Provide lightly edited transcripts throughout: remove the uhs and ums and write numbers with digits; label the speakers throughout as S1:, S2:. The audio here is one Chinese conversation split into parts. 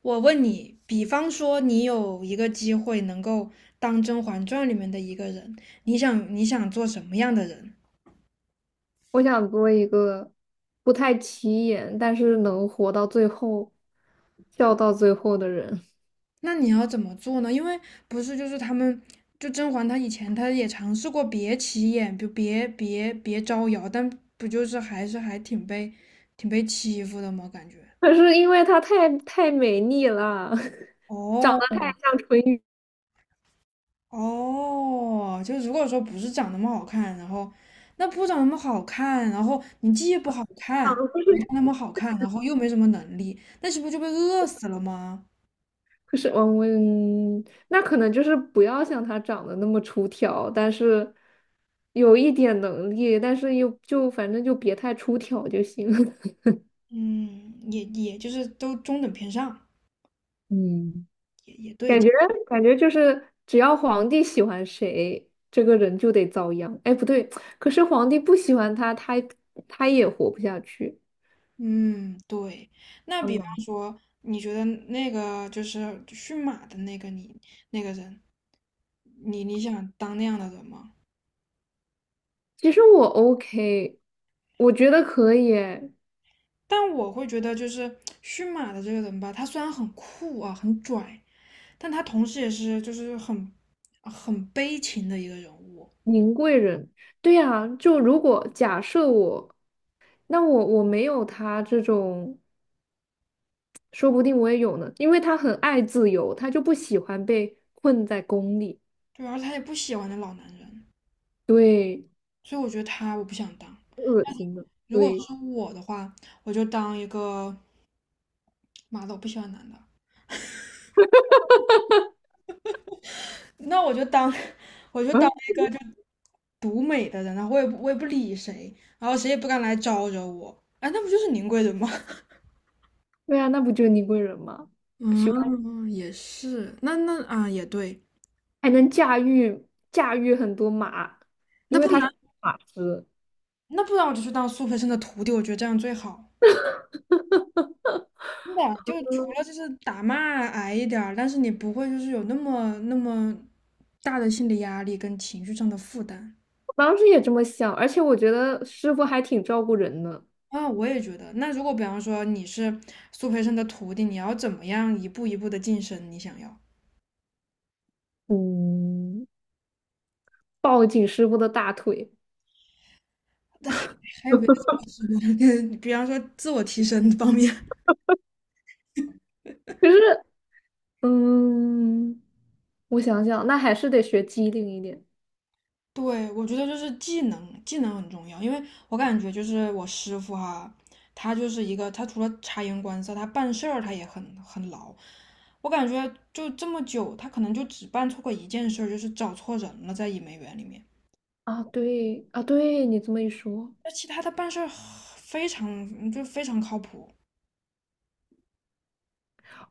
S1: 我问你，比方说你有一个机会能够当《甄嬛传》里面的一个人，你想做什么样的人？
S2: 我想做一个不太起眼，但是能活到最后、笑到最后的人。
S1: 那你要怎么做呢？因为不是就是他们，就甄嬛她以前她也尝试过别起眼，就别招摇，但不就是还是还挺被挺被欺负的吗？感觉。
S2: 可是因为她太美丽了，长
S1: 哦，
S2: 得太像淳于
S1: 哦，就如果说不是长那么好看，然后那不长那么好看，然后你既不好
S2: 丧
S1: 看，
S2: 了。
S1: 没那么好看，然后又没什么能力，那是不是就被饿死了吗？
S2: 可是，那可能就是不要像她长得那么出挑，但是有一点能力，但是又就反正就别太出挑就行。
S1: 嗯，也就是都中等偏上，
S2: 嗯。
S1: 也对。
S2: 感觉感觉就是只要皇帝喜欢谁，这个人就得遭殃。哎，不对，可是皇帝不喜欢他，他也活不下去。
S1: 嗯，对。那
S2: 好
S1: 比方
S2: 难。
S1: 说，你觉得那个就是驯马的那个你那个人，你想当那样的人吗？
S2: 其实我 OK，我觉得可以诶。
S1: 但我会觉得，就是驯马的这个人吧，他虽然很酷啊，很拽，但他同时也是就是很悲情的一个人物，
S2: 宁贵人，对呀，就如果假设我，那我没有他这种，说不定我也有呢，因为他很爱自由，他就不喜欢被困在宫里。
S1: 对，而他也不喜欢那老男人，
S2: 对，
S1: 所以我觉得他我不想当。
S2: 恶心的，
S1: 如果
S2: 对。
S1: 是我的话，我就当一个妈的，我不喜欢男的，那我就当 我就当
S2: 嗯，
S1: 一个就独美的人，然后我也不理谁，然后谁也不敢来招惹我，哎，那不就是宁贵人吗？
S2: 对啊，那不就是宁贵人吗？
S1: 嗯，也是，那啊，也对，
S2: 还能驾驭很多马，
S1: 那
S2: 因为
S1: 不
S2: 他
S1: 然，
S2: 是马师。
S1: 那不然，我就去当苏培盛的徒弟，我觉得这样最好。真的啊，就除了就是打骂挨一点儿，但是你不会就是有那么那么大的心理压力跟情绪上的负担
S2: 我当时也这么想，而且我觉得师傅还挺照顾人的，
S1: 啊，我也觉得。那如果比方说你是苏培盛的徒弟，你要怎么样一步一步的晋升？你想要
S2: 嗯，抱紧师傅的大腿。
S1: 还有别的 方式吗？比方说自我提升方面。
S2: 可是，嗯，我想想，那还是得学机灵一点
S1: 对，我觉得就是技能很重要，因为我感觉就是我师傅哈，他就是一个，他除了察言观色，他办事儿他也很牢。我感觉就这么久，他可能就只办错过一件事儿，就是找错人了，在伊梅园里面。
S2: 啊。对啊，对你这么一说，
S1: 那其他他办事儿非常靠谱。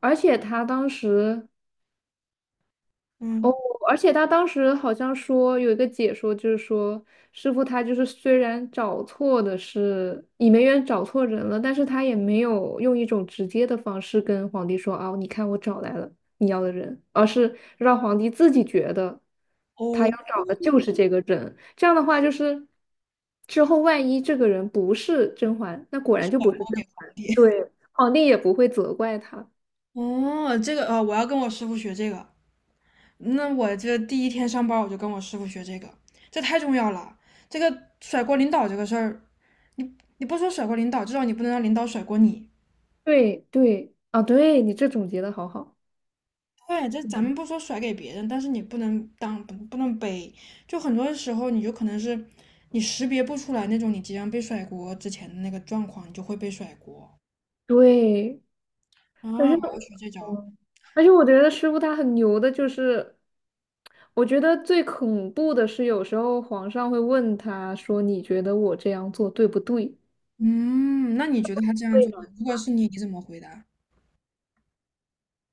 S2: 而且他当时哦，
S1: 嗯，
S2: 而且他当时好像说有一个解说，就是说师傅他就是虽然找错的是倚梅园找错人了，但是他也没有用一种直接的方式跟皇帝说啊，你看我找来了你要的人，而是让皇帝自己觉得他
S1: 哦，
S2: 要找的就是这个人。这样的话，就是之后万一这个人不是甄嬛，那果然就不是甄嬛，对，皇帝也不会责怪他。
S1: 哦，这个，我要跟我师傅学这个。那我这第一天上班，我就跟我师傅学这个，这太重要了。这个甩锅领导这个事儿，你不说甩锅领导，至少你不能让领导甩锅你。
S2: 对对，啊，对你这总结的好好。
S1: 对，这咱们不说甩给别人，但是你不能当不能背。就很多时候，你就可能是你识别不出来那种你即将被甩锅之前的那个状况，你就会被甩锅
S2: 对，
S1: 啊！我
S2: 但是，
S1: 要学这招。
S2: 嗯，而且我觉得师傅他很牛的，就是我觉得最恐怖的是，有时候皇上会问他说："你觉得我这样做对不对？"
S1: 嗯，那你觉得他这样
S2: 对
S1: 做，
S2: 呢。
S1: 如果是你，你怎么回答？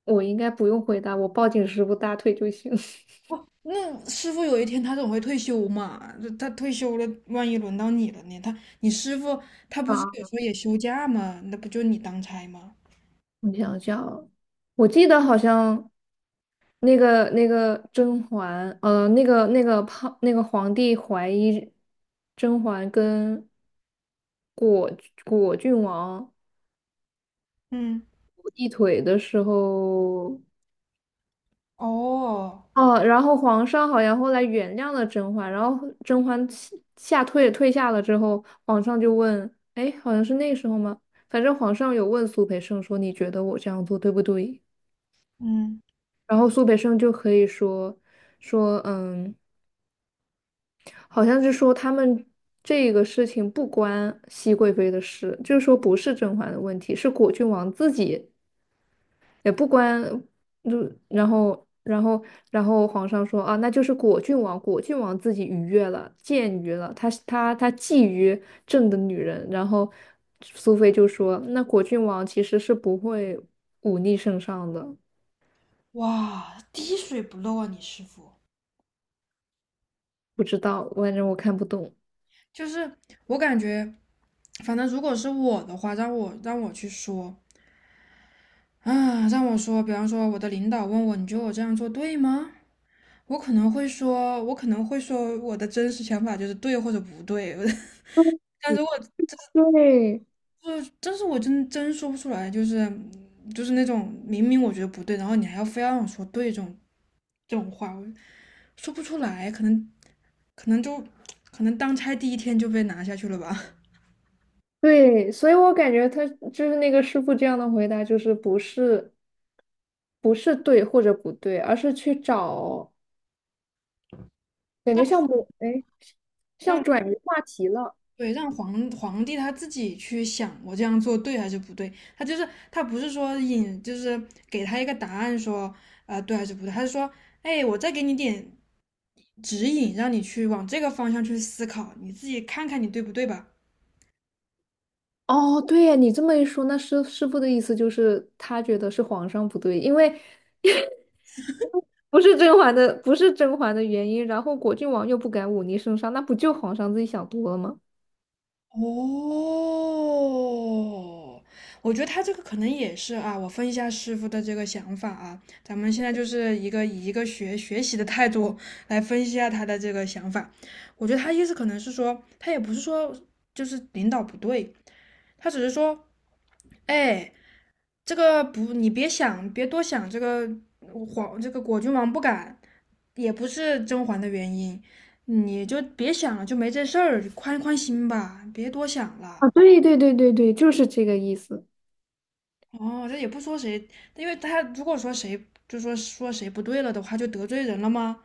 S2: 我应该不用回答，我抱紧师傅大腿就行。
S1: 那师傅有一天他总会退休嘛，就他退休了，万一轮到你了呢？你师傅他不是有
S2: 啊，
S1: 时候也休假吗？那不就你当差吗？
S2: 我想想，我记得好像那个甄嬛，那个那个胖那个皇帝怀疑甄嬛跟果果郡王。
S1: 嗯，
S2: 一腿的时候，
S1: 哦，
S2: 哦，然后皇上好像后来原谅了甄嬛，然后甄嬛下下退退下了之后，皇上就问，哎，好像是那个时候吗？反正皇上有问苏培盛说，你觉得我这样做对不对？
S1: 嗯。
S2: 然后苏培盛就可以说，嗯，好像是说他们这个事情不关熹贵妃的事，就是说不是甄嬛的问题，是果郡王自己也不关，就然后皇上说啊，那就是果郡王，果郡王自己逾越了，僭越了，他觊觎朕的女人，然后苏菲就说，那果郡王其实是不会忤逆圣上的，
S1: 哇，滴水不漏啊，你师傅。
S2: 不知道，反正我看不懂。
S1: 就是我感觉，反正如果是我的话，让我去说啊，让我说，比方说我的领导问我，你觉得我这样做对吗？我可能会说，我的真实想法就是对或者不对。但如果
S2: 对对
S1: 就是，但是我真说不出来，就是那种明明我觉得不对，然后你还要非要让我说对这种话，我说不出来，可能就可能当差第一天就被拿下去了吧。
S2: 对，所以我感觉他就是那个师傅这样的回答，就是不是对或者不对，而是去找感觉像
S1: 让
S2: 我，哎，像
S1: 让
S2: 转移话题了。
S1: 对让皇帝他自己去想，我这样做对还是不对？他不是说引，就是给他一个答案说对还是不对？他是说，哎，我再给你点指引，让你去往这个方向去思考，你自己看看你对不对吧？
S2: 哦，对呀，你这么一说，那师傅的意思就是他觉得是皇上不对，因为不是甄嬛的原因，然后果郡王又不敢忤逆圣上，那不就皇上自己想多了吗？
S1: 哦，我觉得他这个可能也是啊，我分一下师傅的这个想法啊，咱们现在就是以一个学习的态度来分析一下他的这个想法。我觉得他意思可能是说，他也不是说就是领导不对，他只是说，哎，这个不，你别想，别多想，这个果郡王不敢，也不是甄嬛的原因，你就别想了，就没这事儿，宽宽心吧，别多想
S2: 啊，
S1: 了。
S2: 对，就是这个意思。
S1: 哦，这也不说谁，因为他如果说谁就说谁不对了的话，就得罪人了吗？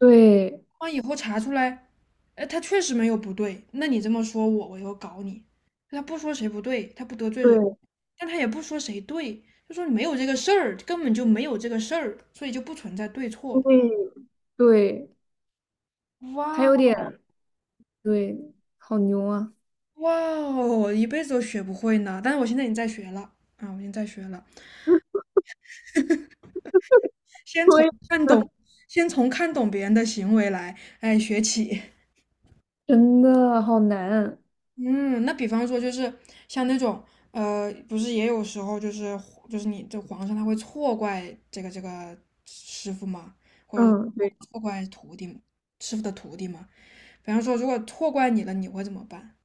S2: 对
S1: 万一以后查出来，哎，他确实没有不对，那你这么说我，我又搞你。他不说谁不对，他不得罪人，
S2: 对
S1: 但他也不说谁对，就说没有这个事儿，根本就没有这个事儿，所以就不存在对错。
S2: 对对，他有
S1: 哇
S2: 点对，好牛啊！
S1: 哇哦，一辈子都学不会呢。但是我现在已经在学了啊，我已经在学了，先从
S2: 对，
S1: 看懂，先从看懂别人的行为来，哎，学起。
S2: 真的好难。
S1: 嗯，那比方说就是像那种不是也有时候就是你这皇上他会错怪这个师傅嘛，或者
S2: 嗯，对。
S1: 错怪徒弟嘛，师傅的徒弟嘛。比方说，如果错怪你了，你会怎么办？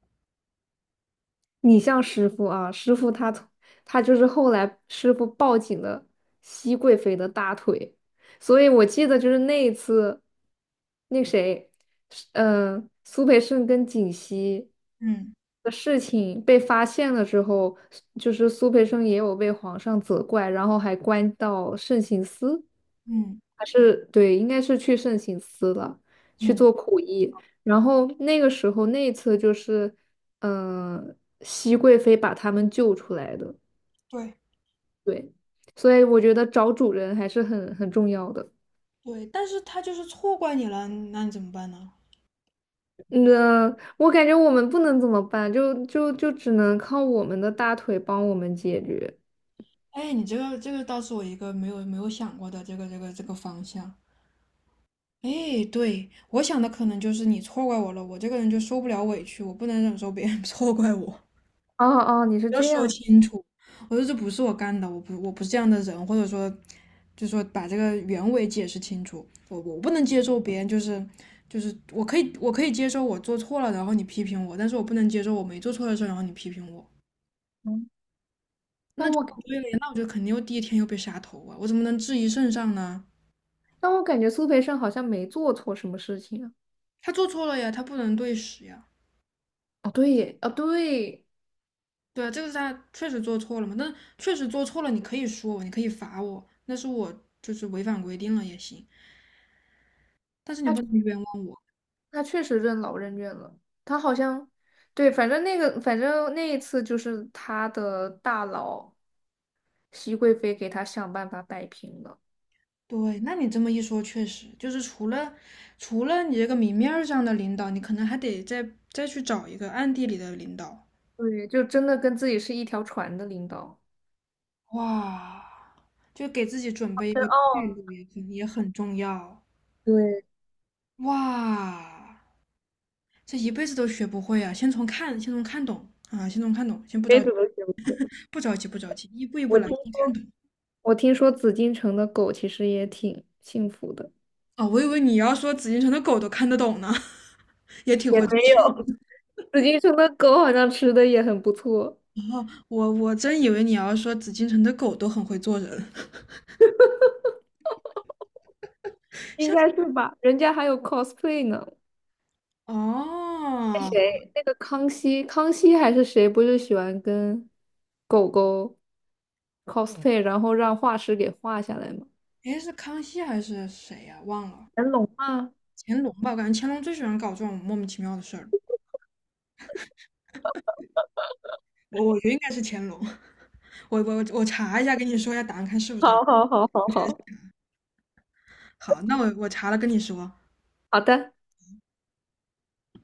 S2: 你像师傅啊，师傅他从他就是后来师傅抱紧了熹贵妃的大腿，所以我记得就是那一次，那谁，苏培盛跟槿汐
S1: 嗯
S2: 的事情被发现了之后，就是苏培盛也有被皇上责怪，然后还关到慎刑司。
S1: 嗯
S2: 还是对，应该是去圣心司了，去
S1: 嗯，
S2: 做苦役。然后那个时候那一次就是，嗯、熹贵妃把他们救出来的。
S1: 对
S2: 对，所以我觉得找主人还是很重要的。
S1: 对，但是他就是错怪你了，那你怎么办呢？
S2: 那我感觉我们不能怎么办，就只能靠我们的大腿帮我们解决。
S1: 哎，你这个倒是我一个没有想过的这个方向。哎，对，我想的可能就是你错怪我了，我这个人就受不了委屈，我不能忍受别人 错怪我，
S2: 哦哦，你是
S1: 要
S2: 这
S1: 说
S2: 样，
S1: 清楚，我说这不是我干的，我不是这样的人，或者说，就说把这个原委解释清楚，我不能接受别人就是我可以接受我做错了，然后你批评我，但是我不能接受我没做错的事儿然后你批评我。
S2: 嗯，但我感
S1: 对了呀，那我就肯定又第一天又被杀头啊，我怎么能质疑圣上呢？
S2: 但我感觉苏培盛好像没做错什么事情啊。
S1: 他做错了呀，他不能对时呀。
S2: 哦，对耶，
S1: 对，啊，这个是他确实做错了嘛，但确实做错了，你可以说我，你可以罚我，那是我就是违反规定了也行，但是你不能冤枉我。
S2: 他确实任劳任怨了。他好像，对，反正那一次就是他的大佬熹贵妃给他想办法摆平了。
S1: 对，那你这么一说，确实就是除了你这个明面儿上的领导，你可能还得再去找一个暗地里的领导。
S2: 对，就真的跟自己是一条船的领导。
S1: 哇，就给自己准备一个
S2: 哦，
S1: 退路也很重要。
S2: 对，
S1: 哇，这一辈子都学不会啊！先从看懂啊，先从看懂，先不
S2: 谁
S1: 着急，
S2: 怎么学不会，
S1: 不着急，不着急，一步一步
S2: 我
S1: 来，
S2: 听
S1: 先看懂。
S2: 我听说紫禁城的狗其实也挺幸福的，
S1: 哦，我以为你要说紫禁城的狗都看得懂呢，也挺
S2: 也
S1: 会做
S2: 没
S1: 人。
S2: 有，紫禁城的狗好像吃的也很不错，
S1: 我真以为你要说紫禁城的狗都很会做人，
S2: 应
S1: 像
S2: 该是吧？人家还有 cosplay 呢。那
S1: 哦，
S2: 谁，那个康熙，康熙还是谁，不是喜欢跟狗狗 cosplay，然后让画师给画下来吗？
S1: 诶，是康熙还是谁呀、忘了，
S2: 乾隆吗？
S1: 乾隆吧？我感觉乾隆最喜欢搞这种莫名其妙的事儿。我觉得应该是乾隆，我查一下，跟你说一下答案，看是不是他。
S2: 好好好好好，
S1: 好，那我查了跟你说。
S2: 好的。